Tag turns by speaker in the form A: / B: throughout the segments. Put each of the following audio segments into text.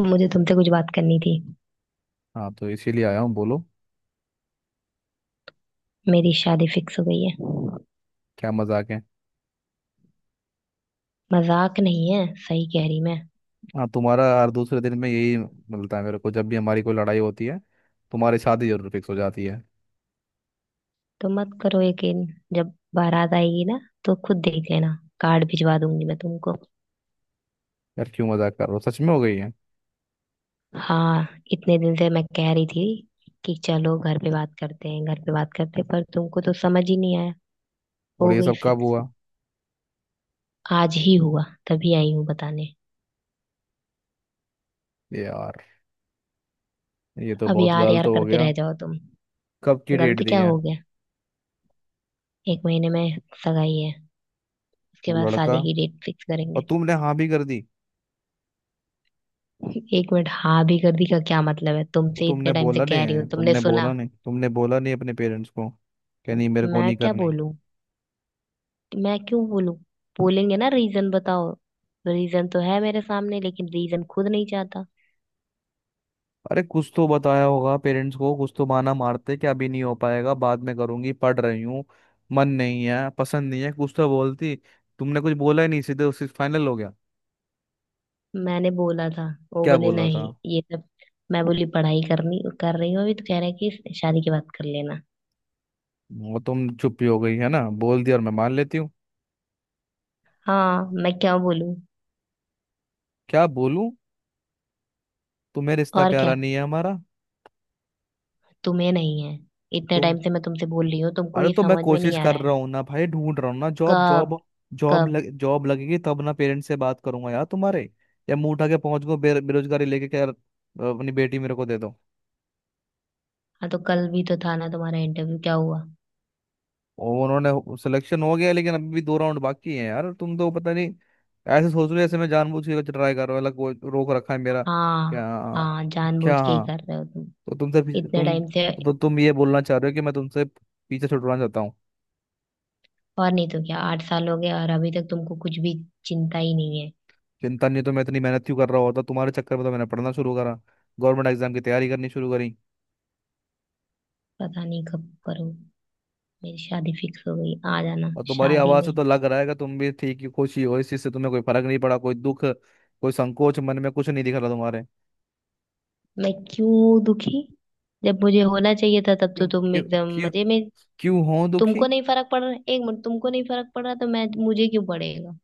A: मुझे तुमसे कुछ बात करनी थी।
B: हाँ, तो इसीलिए आया हूँ बोलो।
A: मेरी शादी फिक्स हो गई है।
B: क्या मजाक है।
A: मजाक नहीं है, सही कह रही मैं।
B: हाँ, तुम्हारा हर दूसरे दिन में यही मिलता है मेरे को। जब भी हमारी कोई लड़ाई होती है तुम्हारी शादी जरूर फिक्स हो जाती है।
A: तो मत करो यकीन। जब बारात आएगी ना तो खुद देख लेना। कार्ड भिजवा दूंगी मैं तुमको।
B: यार क्यों मजाक कर रहे हो, सच में हो गई है?
A: हाँ, इतने दिन से मैं कह रही थी कि चलो घर पे बात करते हैं, घर पे बात करते हैं, पर तुमको तो समझ ही नहीं आया।
B: और
A: हो
B: ये
A: गई
B: सब कब
A: फिक्स।
B: हुआ?
A: आज ही हुआ, तभी आई हूँ बताने।
B: ये यार, ये तो
A: अब
B: बहुत
A: यार
B: गलत
A: यार
B: हो
A: करते
B: गया।
A: रह जाओ तुम।
B: कब की डेट
A: गलत
B: दी
A: क्या
B: है?
A: हो गया? एक महीने में सगाई है, उसके
B: वो
A: बाद
B: लड़का,
A: शादी की डेट फिक्स
B: और
A: करेंगे।
B: तुमने हाँ भी कर दी?
A: एक मिनट, हाँ भी कर दी का क्या मतलब है?
B: तो
A: तुमसे
B: तुमने
A: इतने टाइम से
B: बोला
A: कह रही हूँ,
B: नहीं,
A: तुमने
B: तुमने बोला
A: सुना?
B: नहीं, तुमने बोला नहीं अपने पेरेंट्स को क्या नहीं, मेरे को
A: मैं
B: नहीं
A: क्या
B: करनी?
A: बोलूं? मैं क्यों बोलूं? बोलेंगे ना, रीजन बताओ। रीजन तो है मेरे सामने लेकिन रीजन खुद नहीं चाहता।
B: अरे कुछ तो बताया होगा पेरेंट्स को, कुछ तो बहाना मारते कि अभी नहीं हो पाएगा, बाद में करूंगी, पढ़ रही हूँ, मन नहीं है, पसंद नहीं है, कुछ तो बोलती। तुमने कुछ बोला ही नहीं, सीधे उससे फाइनल हो गया।
A: मैंने बोला था, वो
B: क्या
A: बोले
B: बोला था?
A: नहीं ये सब। मैं बोली पढ़ाई करनी कर रही हूँ अभी, तो कह रहा है कि शादी की बात कर लेना।
B: वो तुम चुप ही हो गई है ना, बोल दिया और मैं मान लेती हूँ।
A: हाँ, मैं क्या बोलूं?
B: क्या बोलूं। तुम्हें रिश्ता
A: और
B: प्यारा
A: क्या?
B: नहीं है हमारा।
A: तुम्हें नहीं है? इतने
B: तुम,
A: टाइम से मैं तुमसे बोल रही हूँ, तुमको
B: अरे
A: ये
B: तो मैं
A: समझ में
B: कोशिश
A: नहीं आ
B: कर
A: रहा है।
B: रहा हूँ ना भाई, ढूंढ रहा हूँ ना जॉब।
A: कब?
B: जॉब, जॉब
A: कब?
B: लग जॉब लगेगी तब ना पेरेंट्स से बात करूंगा यार तुम्हारे। या मुंह उठा के पहुंच गो बेरोजगारी लेके, क्या अपनी बेटी मेरे को दे दो?
A: हाँ तो कल भी तो था ना तुम्हारा इंटरव्यू, क्या हुआ?
B: और उन्होंने सिलेक्शन हो गया, लेकिन अभी भी 2 राउंड बाकी हैं यार। तुम तो पता नहीं ऐसे सोच रहे हो जैसे मैं जानबूझ के कुछ ट्राई कर रहा हूँ अलग, वो रोक रखा है मेरा।
A: हाँ।
B: क्या?
A: हाँ,
B: क्या
A: जानबूझ के ही
B: हाँ?
A: कर रहे हो तुम।
B: तो तुमसे पीछे-
A: इतने
B: तुम
A: टाइम से।
B: तो तुम ये बोलना चाह रहे हो कि मैं तुमसे पीछे छुड़वाना चाहता हूँ?
A: और नहीं तो क्या, 8 साल हो गए और अभी तक तुमको कुछ भी चिंता ही नहीं है।
B: चिंता नहीं तो मैं इतनी मेहनत क्यों कर रहा होता, तुम्हारे चक्कर में तो मैंने पढ़ना शुरू करा, गवर्नमेंट एग्जाम की तैयारी करनी शुरू करी।
A: पता नहीं कब करो। मेरी शादी फिक्स हो गई, आ जाना।
B: और तुम्हारी
A: शादी
B: आवाज़
A: में
B: से तो लग रहा है कि तुम भी ठीक ही, खुश ही हो इस चीज़ से, तुम्हें कोई फर्क नहीं पड़ा, कोई दुख, कोई संकोच, मन में कुछ नहीं दिख रहा तुम्हारे।
A: मैं क्यों दुखी? जब मुझे होना चाहिए था तब तो
B: क्यों
A: तुम
B: क्यों,
A: एकदम
B: क्यों,
A: मजे में।
B: क्यों हो दुखी?
A: तुमको नहीं फर्क पड़ रहा, एक मिनट, तुमको नहीं फर्क पड़ रहा तो मैं, मुझे क्यों पड़ेगा?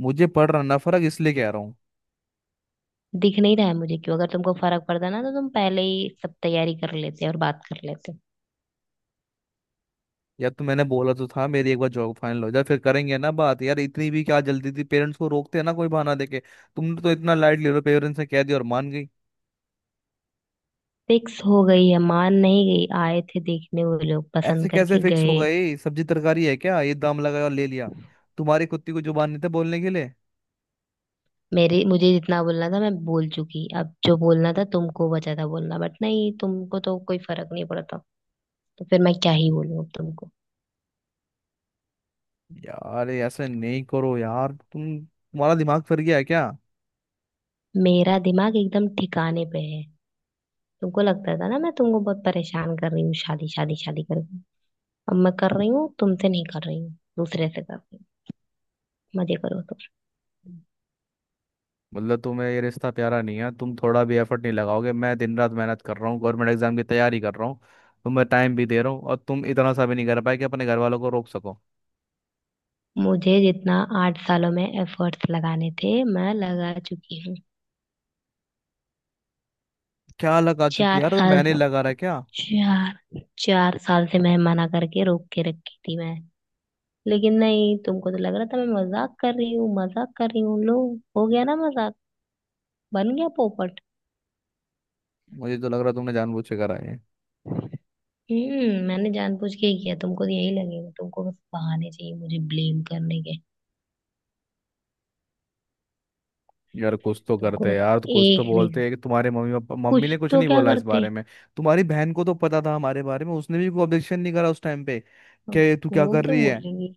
B: मुझे पड़ रहा ना फर्क, इसलिए कह रहा हूँ।
A: दिख नहीं रहा है मुझे क्यों। अगर तुमको फर्क पड़ता ना तो तुम पहले ही सब तैयारी कर लेते और बात कर लेते।
B: यार तो मैंने बोला तो था, मेरी एक बार जॉब फाइनल हो जाए फिर करेंगे ना बात यार, इतनी भी क्या जल्दी थी, पेरेंट्स को रोकते हैं ना कोई बहाना देके। तुमने तो इतना लाइट ले लो, पेरेंट्स ने कह दिया और मान गई।
A: फिक्स हो गई है, मान नहीं गई, आए थे देखने वो लोग,
B: ऐसे
A: पसंद
B: कैसे
A: करके
B: फिक्स हो
A: गए।
B: गए, सब्जी तरकारी है क्या ये, दाम लगाया और ले लिया? तुम्हारी कुत्ती को जुबान नहीं था बोलने के लिए?
A: मेरे, मुझे जितना बोलना था मैं बोल चुकी, अब जो बोलना था तुमको बचा था बोलना, बट नहीं, तुमको तो कोई फर्क नहीं पड़ता। तो फिर मैं क्या ही बोलूं अब तुमको।
B: यार ये ऐसे नहीं करो यार, तुम्हारा दिमाग फिर गया है क्या?
A: मेरा दिमाग एकदम ठिकाने पे है। तुमको लगता था ना मैं तुमको बहुत परेशान कर रही हूँ शादी शादी शादी करके। अब मैं कर रही हूँ, तुमसे नहीं कर रही हूँ, दूसरे से कर रही हूँ, मजे करो तो।
B: मतलब तुम्हें ये रिश्ता प्यारा नहीं है, तुम थोड़ा भी एफर्ट नहीं लगाओगे। मैं दिन रात मेहनत कर रहा हूँ, गवर्नमेंट एग्जाम की तैयारी कर रहा हूँ, तुम्हें टाइम भी दे रहा हूँ, और तुम इतना सा भी नहीं कर पाए कि अपने घर वालों को रोक सको?
A: मुझे जितना 8 सालों में एफर्ट्स लगाने थे मैं लगा चुकी हूँ।
B: क्या लगा चुकी है
A: चार
B: यार, तो
A: साल,
B: मैंने लगा रहा है क्या?
A: चार चार साल से मैं मना करके रोक के रखी थी मैं। लेकिन नहीं, तुमको तो लग रहा था मैं मजाक कर रही हूँ, मजाक कर रही हूँ। लो, हो गया ना मजाक, बन गया पोपट।
B: मुझे तो लग रहा है तुमने जानबूझ के करा है।
A: मैंने जानबूझ के ही किया, तुमको तो यही लगेगा, तुमको बस बहाने चाहिए मुझे ब्लेम करने के।
B: यार कुछ तो
A: तुमको
B: करते हैं
A: बस
B: यार, तो कुछ तो
A: एक
B: बोलते
A: रीजन,
B: हैं, कि तुम्हारे मम्मी पापा, मम्मी
A: कुछ
B: ने कुछ
A: तो
B: नहीं
A: क्या
B: बोला इस
A: करते हैं।
B: बारे में? तुम्हारी बहन को तो पता था हमारे बारे में, उसने भी कोई ऑब्जेक्शन नहीं करा उस टाइम पे, कि तू क्या
A: वो
B: कर
A: क्यों
B: रही है?
A: बोलेगी?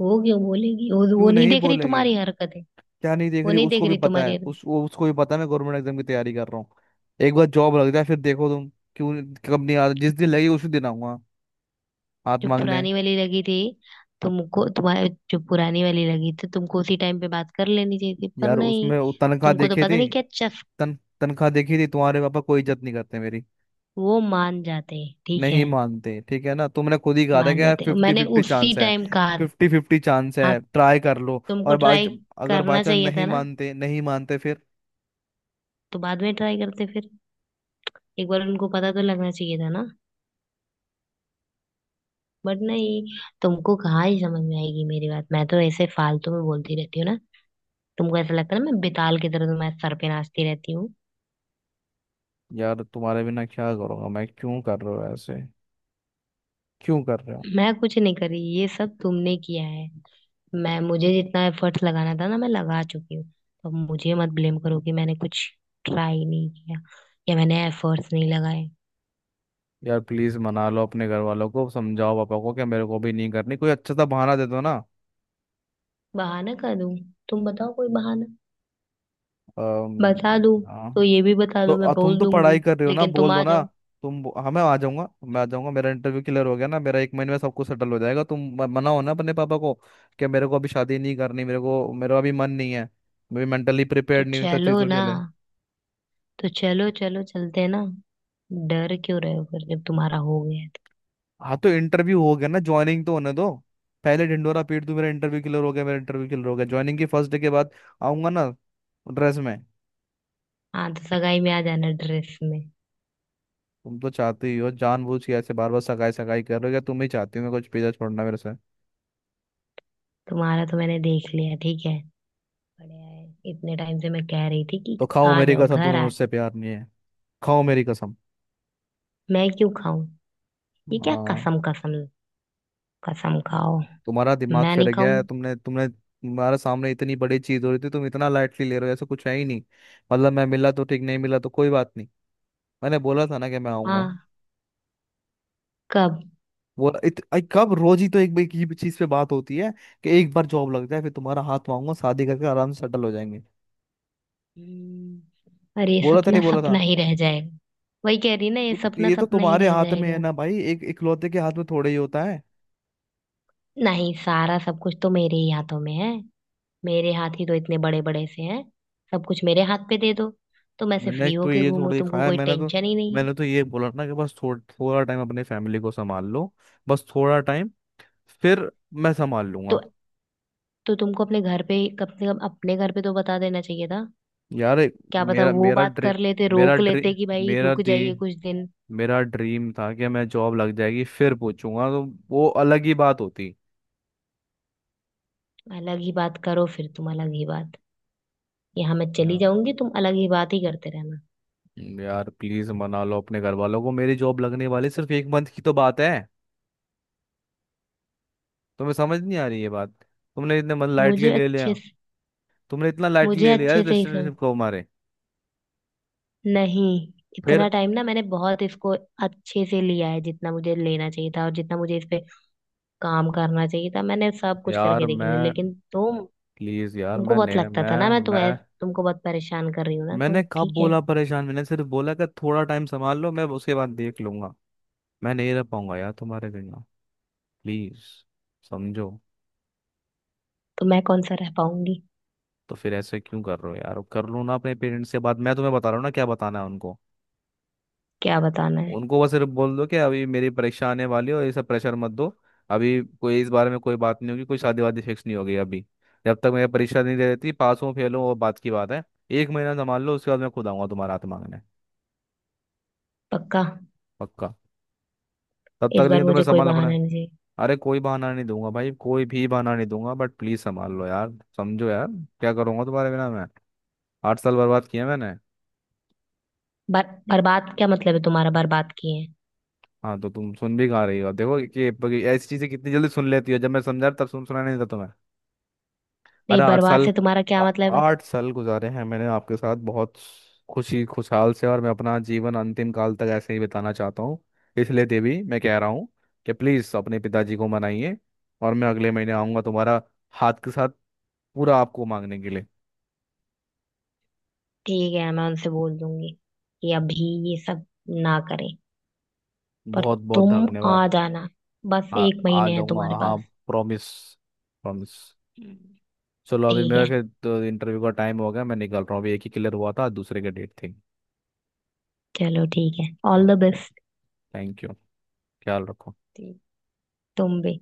A: वो क्यों बोलेगी, वो
B: क्यों
A: नहीं
B: नहीं
A: देख रही
B: बोलेगी?
A: तुम्हारी हरकतें?
B: क्या नहीं देख
A: वो
B: रही,
A: नहीं देख
B: उसको भी
A: रही
B: पता है,
A: तुम्हारी हरकतें।
B: उस वो उसको भी पता है मैं गवर्नमेंट एग्जाम की तैयारी कर रहा हूँ। एक बार जॉब लग जाए, फिर देखो तुम। क्यों? कब? नहीं आ जिस दिन लगी उसी दिन आऊंगा हाथ
A: जो
B: मांगने।
A: पुरानी वाली लगी थी तुमको, तुम्हारे जो पुरानी वाली लगी थी तुमको उसी टाइम पे बात कर लेनी चाहिए थी, पर
B: यार
A: नहीं।
B: उसमें वो तनख्वाह
A: तुमको तो
B: देखी
A: पता
B: थी।
A: नहीं क्या चस,
B: तन तनख्वाह देखी थी, तुम्हारे पापा कोई इज्जत नहीं करते मेरी।
A: वो मान जाते, ठीक
B: नहीं
A: है।
B: मानते, ठीक है ना, तुमने खुद ही कहा था
A: मान
B: कि यार
A: जाते,
B: फिफ्टी
A: मैंने
B: फिफ्टी
A: उसी
B: चांस है।
A: टाइम कहा।
B: 50-50 चांस
A: हाँ।
B: है, ट्राई कर लो
A: तुमको
B: और बाय।
A: ट्राई
B: अगर बाई
A: करना
B: चांस
A: चाहिए था
B: नहीं
A: ना।
B: मानते, नहीं मानते फिर?
A: तो बाद में ट्राई करते फिर। एक बार उनको पता तो लगना चाहिए था ना। बट नहीं, तुमको कहाँ ही समझ में आएगी मेरी बात। मैं तो ऐसे फालतू में बोलती रहती हूँ ना, तुमको ऐसा लगता है ना मैं बेताल की तरह तुम्हारे सर पे नाचती रहती हूँ।
B: यार तुम्हारे बिना क्या करूंगा मैं, क्यों कर रहे हो ऐसे, क्यों कर रहे हो?
A: मैं कुछ नहीं करी, ये सब तुमने किया है। मैं, मुझे जितना एफर्ट्स लगाना था ना मैं लगा चुकी हूँ। तो मुझे मत ब्लेम करो कि मैंने कुछ ट्राई नहीं किया या मैंने एफर्ट्स नहीं लगाए।
B: यार प्लीज मना लो अपने घर वालों को, समझाओ पापा को कि मेरे को भी नहीं करनी, कोई अच्छा सा बहाना दे दो ना।
A: बहाना कर दूं? तुम बताओ कोई बहाना, बता दूं।
B: अम,
A: तो
B: हाँ,
A: ये भी बता
B: तो
A: दूं, मैं
B: तुम
A: बोल
B: तो पढ़ाई
A: दूंगी।
B: कर रहे हो ना,
A: लेकिन तुम
B: बोल दो
A: आ
B: ना।
A: जाओ।
B: तुम, हाँ, मैं आ जाऊंगा, मैं आ जाऊंगा। मेरा इंटरव्यू क्लियर हो गया ना, मेरा 1 महीने में सब कुछ सेटल हो जाएगा। तुम मनाओ ना अपने पापा को, कि मेरे को अभी शादी नहीं करनी, मेरे को मेरा अभी मन नहीं है, मैं मेंटली
A: तो
B: प्रिपेयर्ड नहीं हूँ इन सब
A: चलो
B: चीज़ों
A: ना,
B: के लिए।
A: तो चलो चलो चलते हैं ना। डर क्यों रहे हो फिर, जब तुम्हारा हो गया है तो।
B: हाँ, तो इंटरव्यू हो गया ना, ज्वाइनिंग तो होने दो, पहले ढिंडोरा पीट दूं मेरा इंटरव्यू क्लियर हो गया, मेरा इंटरव्यू क्लियर हो गया। ज्वाइनिंग की फर्स्ट डे के बाद आऊंगा ना, ड्रेस में।
A: हाँ तो सगाई में आ जाना ड्रेस में।
B: तुम तो चाहते ही हो जानबूझ के, ऐसे बार बार सगाई सगाई कर रहे हो, क्या तुम ही चाहती हो मैं कुछ पीछा छोड़ना मेरे से?
A: तुम्हारा तो मैंने देख लिया, ठीक है, बढ़िया है। इतने टाइम से मैं कह रही थी कि
B: तो खाओ
A: आ
B: मेरी
A: जाओ,
B: कसम,
A: घर
B: तुम्हें
A: आ
B: मुझसे
A: जाओ।
B: प्यार नहीं है। खाओ मेरी कसम।
A: मैं क्यों खाऊं? ये क्या
B: हाँ।
A: कसम कसम? कसम खाओ।
B: तुम्हारा दिमाग
A: मैं
B: फिर
A: नहीं
B: गया है,
A: खाऊंगी।
B: तुमने तुमने तुम्हारे सामने इतनी बड़ी चीज हो रही थी, तुम इतना लाइटली ले रहे हो, ऐसा कुछ है ही नहीं? मतलब मैं मिला तो ठीक, नहीं मिला तो कोई बात नहीं? मैंने बोला था ना कि मैं आऊंगा।
A: हाँ। कब?
B: बोला कब, रोज ही तो एक एक ही चीज पे बात होती है, कि एक बार जॉब लग जाए फिर तुम्हारा हाथ मांगूंगा, शादी करके आराम से सेटल हो जाएंगे।
A: अरे ये
B: बोला था
A: सपना
B: नहीं बोला
A: सपना
B: था?
A: ही रह जाएगा। वही कह रही ना, ये
B: तो
A: सपना
B: ये तो
A: सपना ही
B: तुम्हारे
A: रह
B: हाथ में है
A: जाएगा।
B: ना भाई, एक इकलौते के हाथ में थोड़े ही होता है।
A: नहीं, सारा सब कुछ तो मेरे ही हाथों में है। मेरे हाथ ही तो इतने बड़े बड़े से हैं, सब कुछ मेरे हाथ पे दे दो, तो मैं से
B: मैंने
A: फ्री
B: तो
A: होके
B: ये
A: घूमो,
B: थोड़ा ही
A: तुमको
B: खाया।
A: कोई टेंशन ही नहीं है।
B: मैंने तो ये बोला ना कि बस थोड़ा टाइम अपने फैमिली को संभाल लो। बस थोड़ा टाइम, फिर मैं संभाल
A: तो
B: लूंगा।
A: तो तुमको अपने घर पे कम से कम अपने घर पे तो बता देना चाहिए था।
B: यार एक-
A: क्या पता
B: मेरा
A: वो
B: मेरा
A: बात
B: ड्री
A: कर लेते,
B: मेरा
A: रोक
B: ड्री
A: लेते कि भाई
B: मेरा
A: रुक
B: दी
A: जाइए कुछ दिन।
B: मेरा ड्रीम था कि मैं जॉब लग जाएगी फिर पूछूंगा, तो वो अलग ही बात होती।
A: अलग ही बात करो फिर तुम, अलग ही बात। यहाँ मैं चली
B: या-
A: जाऊंगी, तुम अलग ही बात ही करते रहना।
B: यार प्लीज मना लो अपने घर वालों को, मेरी जॉब लगने वाली, सिर्फ 1 मंथ की तो बात है, तुम्हें समझ नहीं आ रही ये बात? तुमने इतने मन लाइटली
A: मुझे
B: ले
A: अच्छे
B: लिया,
A: से,
B: तुमने इतना लाइटली
A: मुझे
B: ले लिया इस
A: अच्छे से ही समझ,
B: रिलेशनशिप को हमारे।
A: नहीं, इतना
B: फिर,
A: टाइम ना मैंने बहुत इसको अच्छे से लिया है, जितना मुझे लेना चाहिए था और जितना मुझे इस पे काम करना चाहिए था मैंने सब कुछ
B: यार
A: करके देख लिया,
B: मैं
A: लेकिन तुम,
B: प्लीज यार,
A: तुमको बहुत लगता था ना मैं तुम्हें, तुमको बहुत परेशान कर रही हूँ ना, तो
B: मैंने कब
A: ठीक है।
B: बोला परेशान? मैंने सिर्फ बोला कि थोड़ा टाइम संभाल लो, मैं उसके बाद देख लूंगा। मैं नहीं रह पाऊंगा यार तुम्हारे बिना, प्लीज समझो।
A: तो मैं कौन सा रह पाऊंगी?
B: तो फिर ऐसे क्यों कर रहे हो यार, कर लो ना अपने पेरेंट्स के बाद, मैं तुम्हें बता रहा हूँ ना क्या बताना है उनको।
A: क्या बताना है?
B: उनको बस सिर्फ बोल दो कि अभी मेरी परीक्षा आने वाली है, और ये सब प्रेशर मत दो, अभी कोई इस बारे में कोई बात नहीं होगी, कोई शादी वादी फिक्स नहीं होगी अभी, जब तक मेरी परीक्षा नहीं दे देती। पास हूँ, फेल हूँ, वो बात की बात है। 1 महीना संभाल लो, उसके बाद मैं खुद आऊंगा तुम्हारा हाथ मांगने।
A: पक्का।
B: पक्का। तब तक
A: इस बार
B: लेकिन तुम्हें
A: मुझे कोई
B: संभालना पड़ा
A: बहाना
B: है।
A: नहीं चाहिए।
B: अरे कोई बहाना नहीं दूंगा भाई, कोई भी बहाना नहीं दूंगा, बट प्लीज संभाल लो यार, समझो यार, क्या करूंगा तुम्हारे बिना मैं, 8 साल बर्बाद किए मैंने।
A: बर, बर्बाद क्या मतलब है तुम्हारा, बर्बाद किए हैं?
B: हाँ तो तुम सुन भी कहाँ रही हो, देखो कि ऐसी चीजें कितनी जल्दी सुन लेती हो, जब मैं समझा तब सुन सुना नहीं था तुम्हें। अरे
A: नहीं,
B: आठ
A: बर्बाद
B: साल
A: से तुम्हारा क्या
B: आ-
A: मतलब है?
B: 8 साल गुजारे हैं मैंने आपके साथ बहुत खुशी खुशहाल से, और मैं अपना जीवन अंतिम काल तक ऐसे ही बिताना चाहता हूँ। इसलिए देवी, मैं कह रहा हूँ कि प्लीज़ अपने पिताजी को मनाइए, और मैं अगले महीने आऊँगा तुम्हारा हाथ के साथ पूरा आपको मांगने के लिए।
A: ठीक है मैं उनसे बोल दूंगी कि अभी ये सब ना करें, पर
B: बहुत बहुत
A: तुम आ
B: धन्यवाद।
A: जाना। बस
B: आ
A: एक
B: आ
A: महीने है
B: जाऊँगा,
A: तुम्हारे
B: हाँ।
A: पास।
B: Promise, promise.
A: हम्म,
B: चलो, अभी
A: ठीक है।
B: मेरा फिर तो इंटरव्यू का टाइम हो गया, मैं निकल रहा हूँ अभी, एक ही क्लियर हुआ था, दूसरे का डेट थी।
A: चलो ठीक है, all the best.
B: Thank you. ख्याल रखो।
A: ठीक। तुम भी।